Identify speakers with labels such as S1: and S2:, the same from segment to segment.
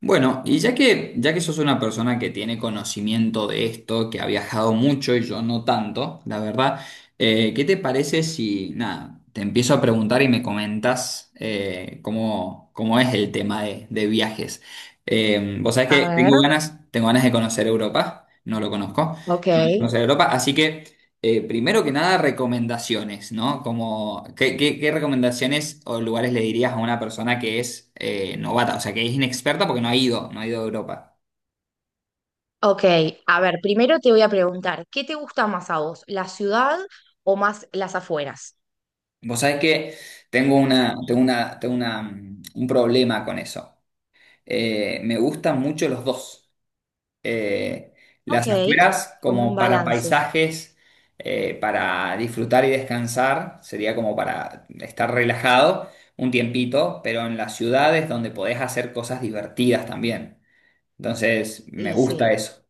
S1: Bueno, y ya que sos una persona que tiene conocimiento de esto, que ha viajado mucho y yo no tanto, la verdad, ¿qué te parece si, nada, te empiezo a preguntar y me comentas cómo, ¿cómo es el tema de viajes? Vos sabés que
S2: A ver,
S1: tengo ganas de conocer Europa, no lo conozco,
S2: ok,
S1: tengo ganas de conocer Europa, así que primero que nada, recomendaciones, ¿no? Como, ¿qué, qué recomendaciones o lugares le dirías a una persona que es novata, o sea, que es inexperta porque no ha ido, no ha ido a Europa?
S2: ok. A ver, primero te voy a preguntar, ¿qué te gusta más a vos, la ciudad o más las afueras?
S1: Vos sabés que un problema con eso. Me gustan mucho los dos. eh,
S2: Ok,
S1: las afueras
S2: como
S1: como
S2: un
S1: para
S2: balance.
S1: paisajes, para disfrutar y descansar, sería como para estar relajado un tiempito, pero en las ciudades donde podés hacer cosas divertidas también. Entonces, me
S2: Y
S1: gusta
S2: sí.
S1: eso.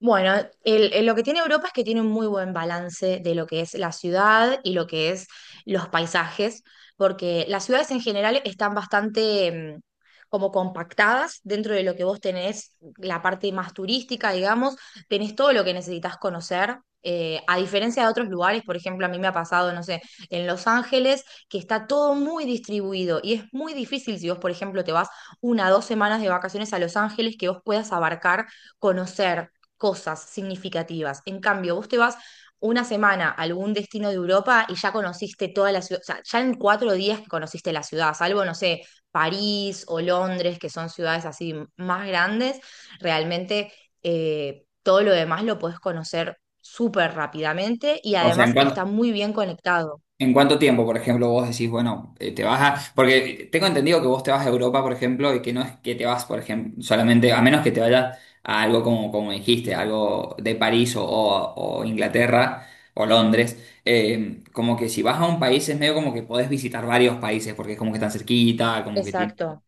S2: Bueno, lo que tiene Europa es que tiene un muy buen balance de lo que es la ciudad y lo que es los paisajes, porque las ciudades en general están bastante mm, como compactadas dentro de lo que vos tenés, la parte más turística, digamos, tenés todo lo que necesitas conocer. A diferencia de otros lugares, por ejemplo, a mí me ha pasado, no sé, en Los Ángeles, que está todo muy distribuido y es muy difícil si vos, por ejemplo, te vas una o 2 semanas de vacaciones a Los Ángeles que vos puedas abarcar, conocer cosas significativas. En cambio, vos te vas una semana a algún destino de Europa y ya conociste toda la ciudad, o sea, ya en 4 días que conociste la ciudad, salvo, no sé, París o Londres, que son ciudades así más grandes, realmente todo lo demás lo podés conocer súper rápidamente y
S1: O sea,
S2: además está muy bien conectado.
S1: ¿en cuánto tiempo, por ejemplo, vos decís, bueno, te vas a... Porque tengo entendido que vos te vas a Europa, por ejemplo, y que no es que te vas, por ejemplo, solamente, a menos que te vayas a algo como, como dijiste, algo de París o Inglaterra o Londres, como que si vas a un país es medio como que podés visitar varios países, porque es como que están cerquita, como que tiene...
S2: Exacto.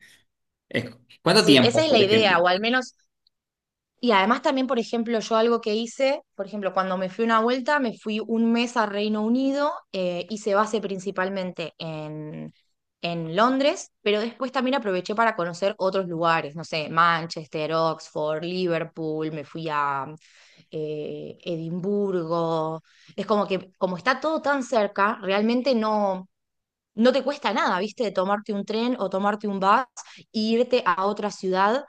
S1: es- ¿Cuánto
S2: Sí,
S1: tiempo,
S2: esa es la
S1: por
S2: idea,
S1: ejemplo?
S2: o al menos. Y además también, por ejemplo, yo algo que hice, por ejemplo, cuando me fui una vuelta, me fui un mes a Reino Unido, hice base principalmente en Londres, pero después también aproveché para conocer otros lugares, no sé, Manchester, Oxford, Liverpool, me fui a Edimburgo. Es como que, como está todo tan cerca, realmente no, no te cuesta nada, ¿viste? Tomarte un tren o tomarte un bus e irte a otra ciudad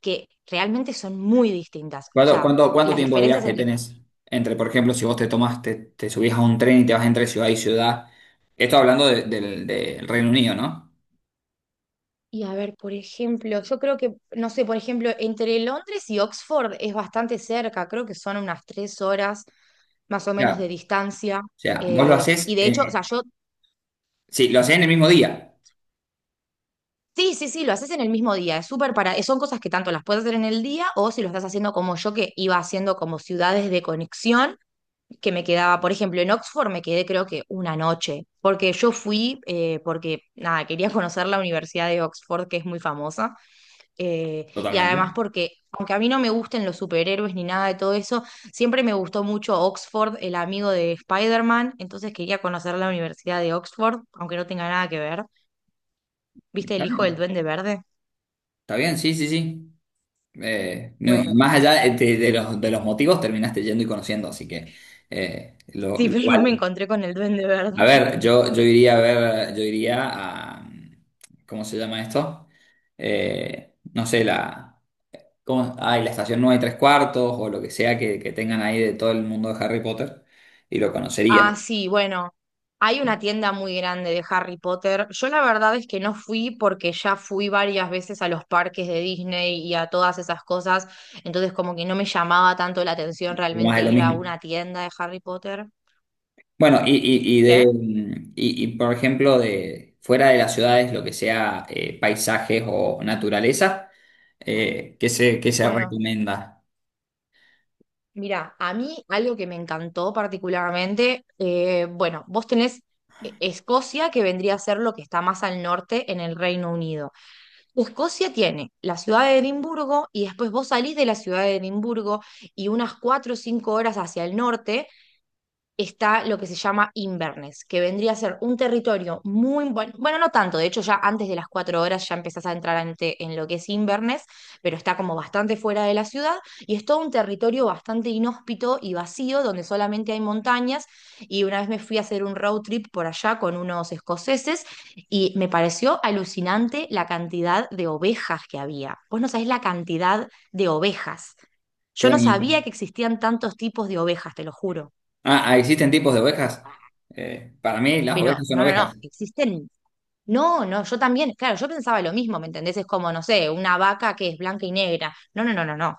S2: que realmente son muy distintas. O sea,
S1: Cuánto
S2: las
S1: tiempo de
S2: diferencias
S1: viaje
S2: entre.
S1: tenés? Entre, por ejemplo, si vos te tomás, te subís a un tren y te vas entre ciudad y ciudad. Esto hablando del del Reino Unido, ¿no?
S2: Y a ver, por ejemplo, yo creo que, no sé, por ejemplo, entre Londres y Oxford es bastante cerca, creo que son unas 3 horas más o menos
S1: Claro.
S2: de distancia.
S1: O sea, vos lo
S2: Y
S1: haces,
S2: de hecho, o sea, yo,
S1: sí, lo hacés en el mismo día,
S2: sí, sí, sí, lo haces en el mismo día, es súper para, son cosas que tanto las puedes hacer en el día o si lo estás haciendo como yo, que iba haciendo como ciudades de conexión, que me quedaba, por ejemplo, en Oxford me quedé creo que una noche, porque yo fui, porque nada, quería conocer la Universidad de Oxford, que es muy famosa, y además
S1: totalmente.
S2: porque, aunque a mí no me gusten los superhéroes ni nada de todo eso, siempre me gustó mucho Oxford, el amigo de Spider-Man, entonces quería conocer la Universidad de Oxford, aunque no tenga nada que ver. ¿Viste el
S1: Está
S2: hijo del
S1: bien,
S2: Duende Verde?
S1: está bien, sí, sí, sí. No,
S2: Bueno,
S1: más allá de los motivos, terminaste yendo y conociendo, así que
S2: sí,
S1: lo
S2: pero no me
S1: vale.
S2: encontré con el Duende
S1: A
S2: Verde.
S1: ver, yo iría a ver, yo iría a, ¿cómo se llama esto? No sé, la... como, ay, la estación 9 y tres cuartos o lo que sea que tengan ahí de todo el mundo de Harry Potter y lo conocería.
S2: Ah, sí, bueno, hay una tienda muy grande de Harry Potter. Yo la verdad es que no fui porque ya fui varias veces a los parques de Disney y a todas esas cosas, entonces como que no me llamaba tanto la atención
S1: Más
S2: realmente
S1: de lo
S2: ir a
S1: mismo.
S2: una tienda de Harry Potter.
S1: Bueno, y de,
S2: ¿Qué?
S1: mm, y, por ejemplo, de fuera de las ciudades, lo que sea paisajes o naturaleza, qué se
S2: Bueno,
S1: recomienda?
S2: mira, a mí algo que me encantó particularmente, bueno, vos tenés Escocia, que vendría a ser lo que está más al norte en el Reino Unido. Escocia tiene la ciudad de Edimburgo y después vos salís de la ciudad de Edimburgo y unas 4 o 5 horas hacia el norte está lo que se llama Inverness, que vendría a ser un territorio muy bueno, bueno, no tanto, de hecho ya antes de las 4 horas ya empezás a entrar en lo que es Inverness, pero está como bastante fuera de la ciudad y es todo un territorio bastante inhóspito y vacío donde solamente hay montañas y una vez me fui a hacer un road trip por allá con unos escoceses y me pareció alucinante la cantidad de ovejas que había. Vos no sabés la cantidad de ovejas.
S1: Qué
S2: Yo no sabía
S1: bonito.
S2: que existían tantos tipos de ovejas, te lo juro.
S1: Ah, ah, existen tipos de ovejas. Para mí las
S2: Pero
S1: ovejas son
S2: no, no, no,
S1: ovejas,
S2: existen. No, no, yo también, claro, yo pensaba lo mismo, ¿me entendés? Es como, no sé, una vaca que es blanca y negra. No, no, no, no, no.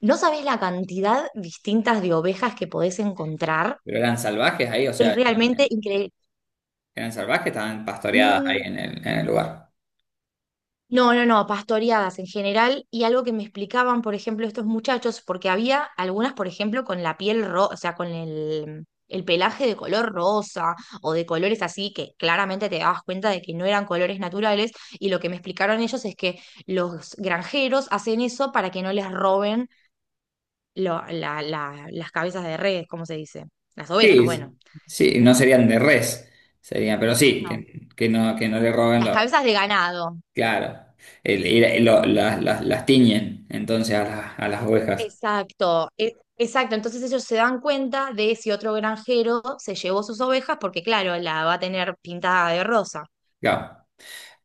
S2: No sabés la cantidad distintas de ovejas que podés encontrar.
S1: pero eran salvajes ahí, o sea,
S2: Es realmente increíble.
S1: eran salvajes, estaban pastoreadas ahí
S2: Mm.
S1: en el lugar.
S2: No, no, no, pastoreadas en general y algo que me explicaban, por ejemplo, estos muchachos, porque había algunas, por ejemplo, con la piel rosa, o sea, con el pelaje de color rosa o de colores así que claramente te dabas cuenta de que no eran colores naturales y lo que me explicaron ellos es que los granjeros hacen eso para que no les roben las cabezas de redes, ¿cómo se dice? Las ovejas,
S1: Sí,
S2: bueno.
S1: sí, sí, no serían de res, serían, pero sí,
S2: No,
S1: que no le roben
S2: las
S1: los,
S2: cabezas de ganado.
S1: claro, las tiñen entonces a las ovejas,
S2: Exacto, exacto. Entonces ellos se dan cuenta de si otro granjero se llevó sus ovejas, porque claro, la va a tener pintada de rosa.
S1: claro.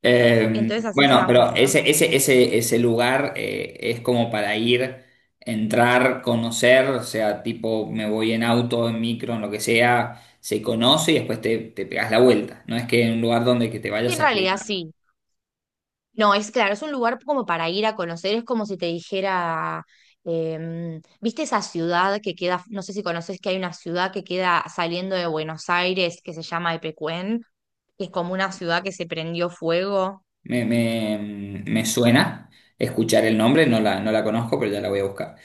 S2: Entonces así se
S1: Bueno,
S2: dan
S1: pero
S2: cuenta.
S1: ese lugar es como para ir, entrar, conocer, o sea, tipo me voy en auto, en micro, en lo que sea, se conoce y después te, te pegas la vuelta, no es que en un lugar donde que te
S2: En
S1: vayas a
S2: realidad
S1: quedar.
S2: sí. No, es claro, es un lugar como para ir a conocer, es como si te dijera, ¿viste esa ciudad que queda, no sé si conoces que hay una ciudad que queda saliendo de Buenos Aires que se llama Epecuén, que es como una ciudad que se prendió fuego?
S1: Me, me, me suena escuchar el nombre, no la, no la conozco, pero ya la voy a buscar.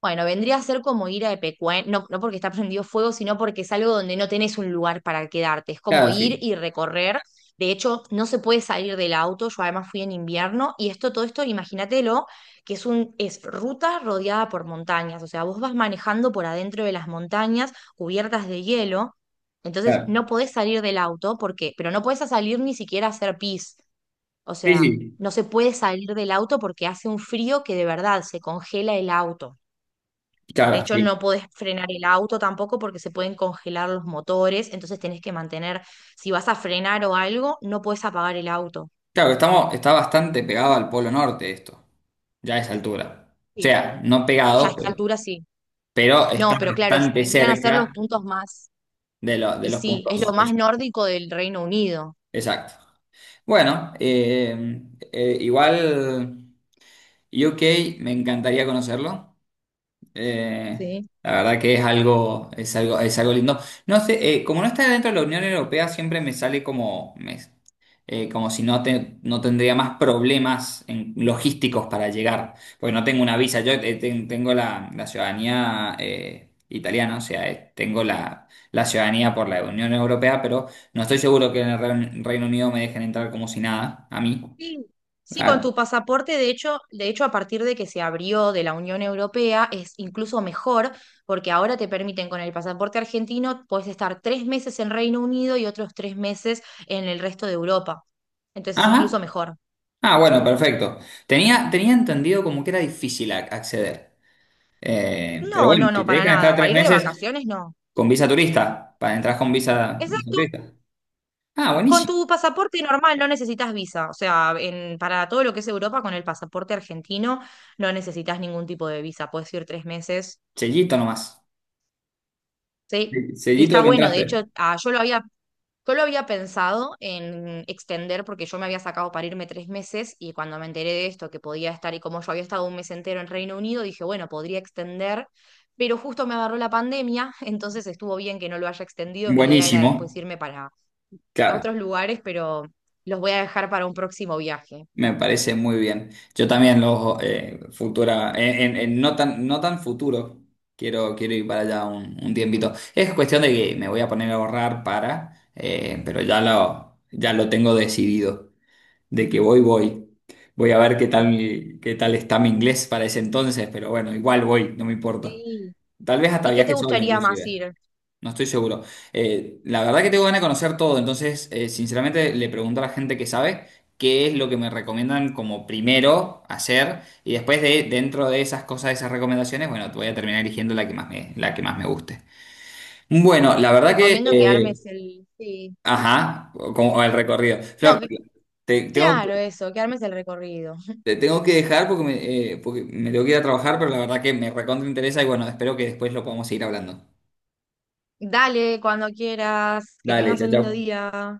S2: Bueno, vendría a ser como ir a Epecuén, no, no porque está prendido fuego, sino porque es algo donde no tenés un lugar para quedarte. Es como
S1: Claro,
S2: ir
S1: sí,
S2: y recorrer. De hecho, no se puede salir del auto. Yo además fui en invierno y esto, todo esto, imagínatelo, que es ruta rodeada por montañas. O sea, vos vas manejando por adentro de las montañas cubiertas de hielo. Entonces,
S1: claro.
S2: no podés salir del auto porque, pero no podés salir ni siquiera a hacer pis. O
S1: Sí,
S2: sea,
S1: sí.
S2: no se puede salir del auto porque hace un frío que de verdad se congela el auto. De
S1: Claro,
S2: hecho,
S1: sí.
S2: no podés frenar el auto tampoco porque se pueden congelar los motores, entonces tenés que mantener, si vas a frenar o algo, no podés apagar el auto.
S1: Claro, estamos, está bastante pegado al Polo Norte esto, ya a esa altura. O
S2: Sí.
S1: sea, no
S2: Ya a
S1: pegado,
S2: esta altura sí.
S1: pero está
S2: No, pero claro,
S1: bastante
S2: vendrían a ser los
S1: cerca
S2: puntos más,
S1: de
S2: y
S1: los
S2: sí, es lo
S1: puntos.
S2: más nórdico del Reino Unido.
S1: Exacto. Bueno, igual UK me encantaría conocerlo. Eh,
S2: Sí.
S1: la verdad que es algo, es algo, es algo lindo. No sé, como no está dentro de la Unión Europea, siempre me sale como, como si no, no tendría más problemas logísticos para llegar, porque no tengo una visa. Yo tengo la, la ciudadanía italiana, o sea, tengo la, la ciudadanía por la Unión Europea, pero no estoy seguro que en el Reino Unido me dejen entrar como si nada, a mí.
S2: Sí, sí, con
S1: Ah,
S2: tu pasaporte, de hecho, a partir de que se abrió de la Unión Europea, es incluso mejor, porque ahora te permiten con el pasaporte argentino, puedes estar 3 meses en Reino Unido y otros 3 meses en el resto de Europa. Entonces,
S1: ajá,
S2: incluso mejor.
S1: ah, bueno, perfecto. Tenía, tenía entendido como que era difícil acceder. Pero
S2: No,
S1: bueno,
S2: no,
S1: si
S2: no,
S1: te
S2: para
S1: dejan estar
S2: nada. Para
S1: tres
S2: ir de
S1: meses
S2: vacaciones, no.
S1: con visa turista, para entrar con visa, visa
S2: Exacto.
S1: turista. Ah,
S2: Con
S1: buenísimo.
S2: tu pasaporte normal no necesitas visa. O sea, para todo lo que es Europa, con el pasaporte argentino no necesitas ningún tipo de visa. Puedes ir 3 meses,
S1: Sellito nomás. Sí,
S2: ¿sí? Y
S1: sellito
S2: está
S1: de que
S2: bueno, de
S1: entraste.
S2: hecho, Yo lo había pensado en extender porque yo me había sacado para irme 3 meses y cuando me enteré de esto, que podía estar y como yo había estado un mes entero en Reino Unido, dije, bueno, podría extender, pero justo me agarró la pandemia, entonces estuvo bien que no lo haya extendido. Mi idea era después
S1: Buenísimo.
S2: irme para a
S1: Claro,
S2: otros lugares, pero los voy a dejar para un próximo viaje.
S1: me parece muy bien. Yo también los futura, en no tan, no tan futuro, quiero, quiero ir para allá un tiempito. Es cuestión de que me voy a poner a ahorrar para, pero ya lo tengo decidido. De que voy, voy. Voy a ver qué tal está mi inglés para ese entonces, pero bueno, igual voy, no me importa.
S2: Sí.
S1: Tal vez hasta
S2: ¿Y qué te
S1: viaje sola
S2: gustaría más
S1: inclusive,
S2: ir?
S1: no estoy seguro. La verdad que tengo ganas de conocer todo, entonces sinceramente le pregunto a la gente que sabe qué es lo que me recomiendan como primero hacer y después de dentro de esas cosas, de esas recomendaciones, bueno, voy a terminar eligiendo la que más me, la que más me guste. Bueno, la
S2: Te
S1: verdad que,
S2: recomiendo que armes el. Sí.
S1: ajá, como el recorrido.
S2: No,
S1: Flor, te, tengo,
S2: claro, eso, que armes el recorrido.
S1: te tengo que dejar porque porque me tengo que ir a trabajar, pero la verdad que me recontra interesa y bueno, espero que después lo podamos seguir hablando.
S2: Dale, cuando quieras, que
S1: Dale,
S2: tengas
S1: chao,
S2: un lindo
S1: chao.
S2: día.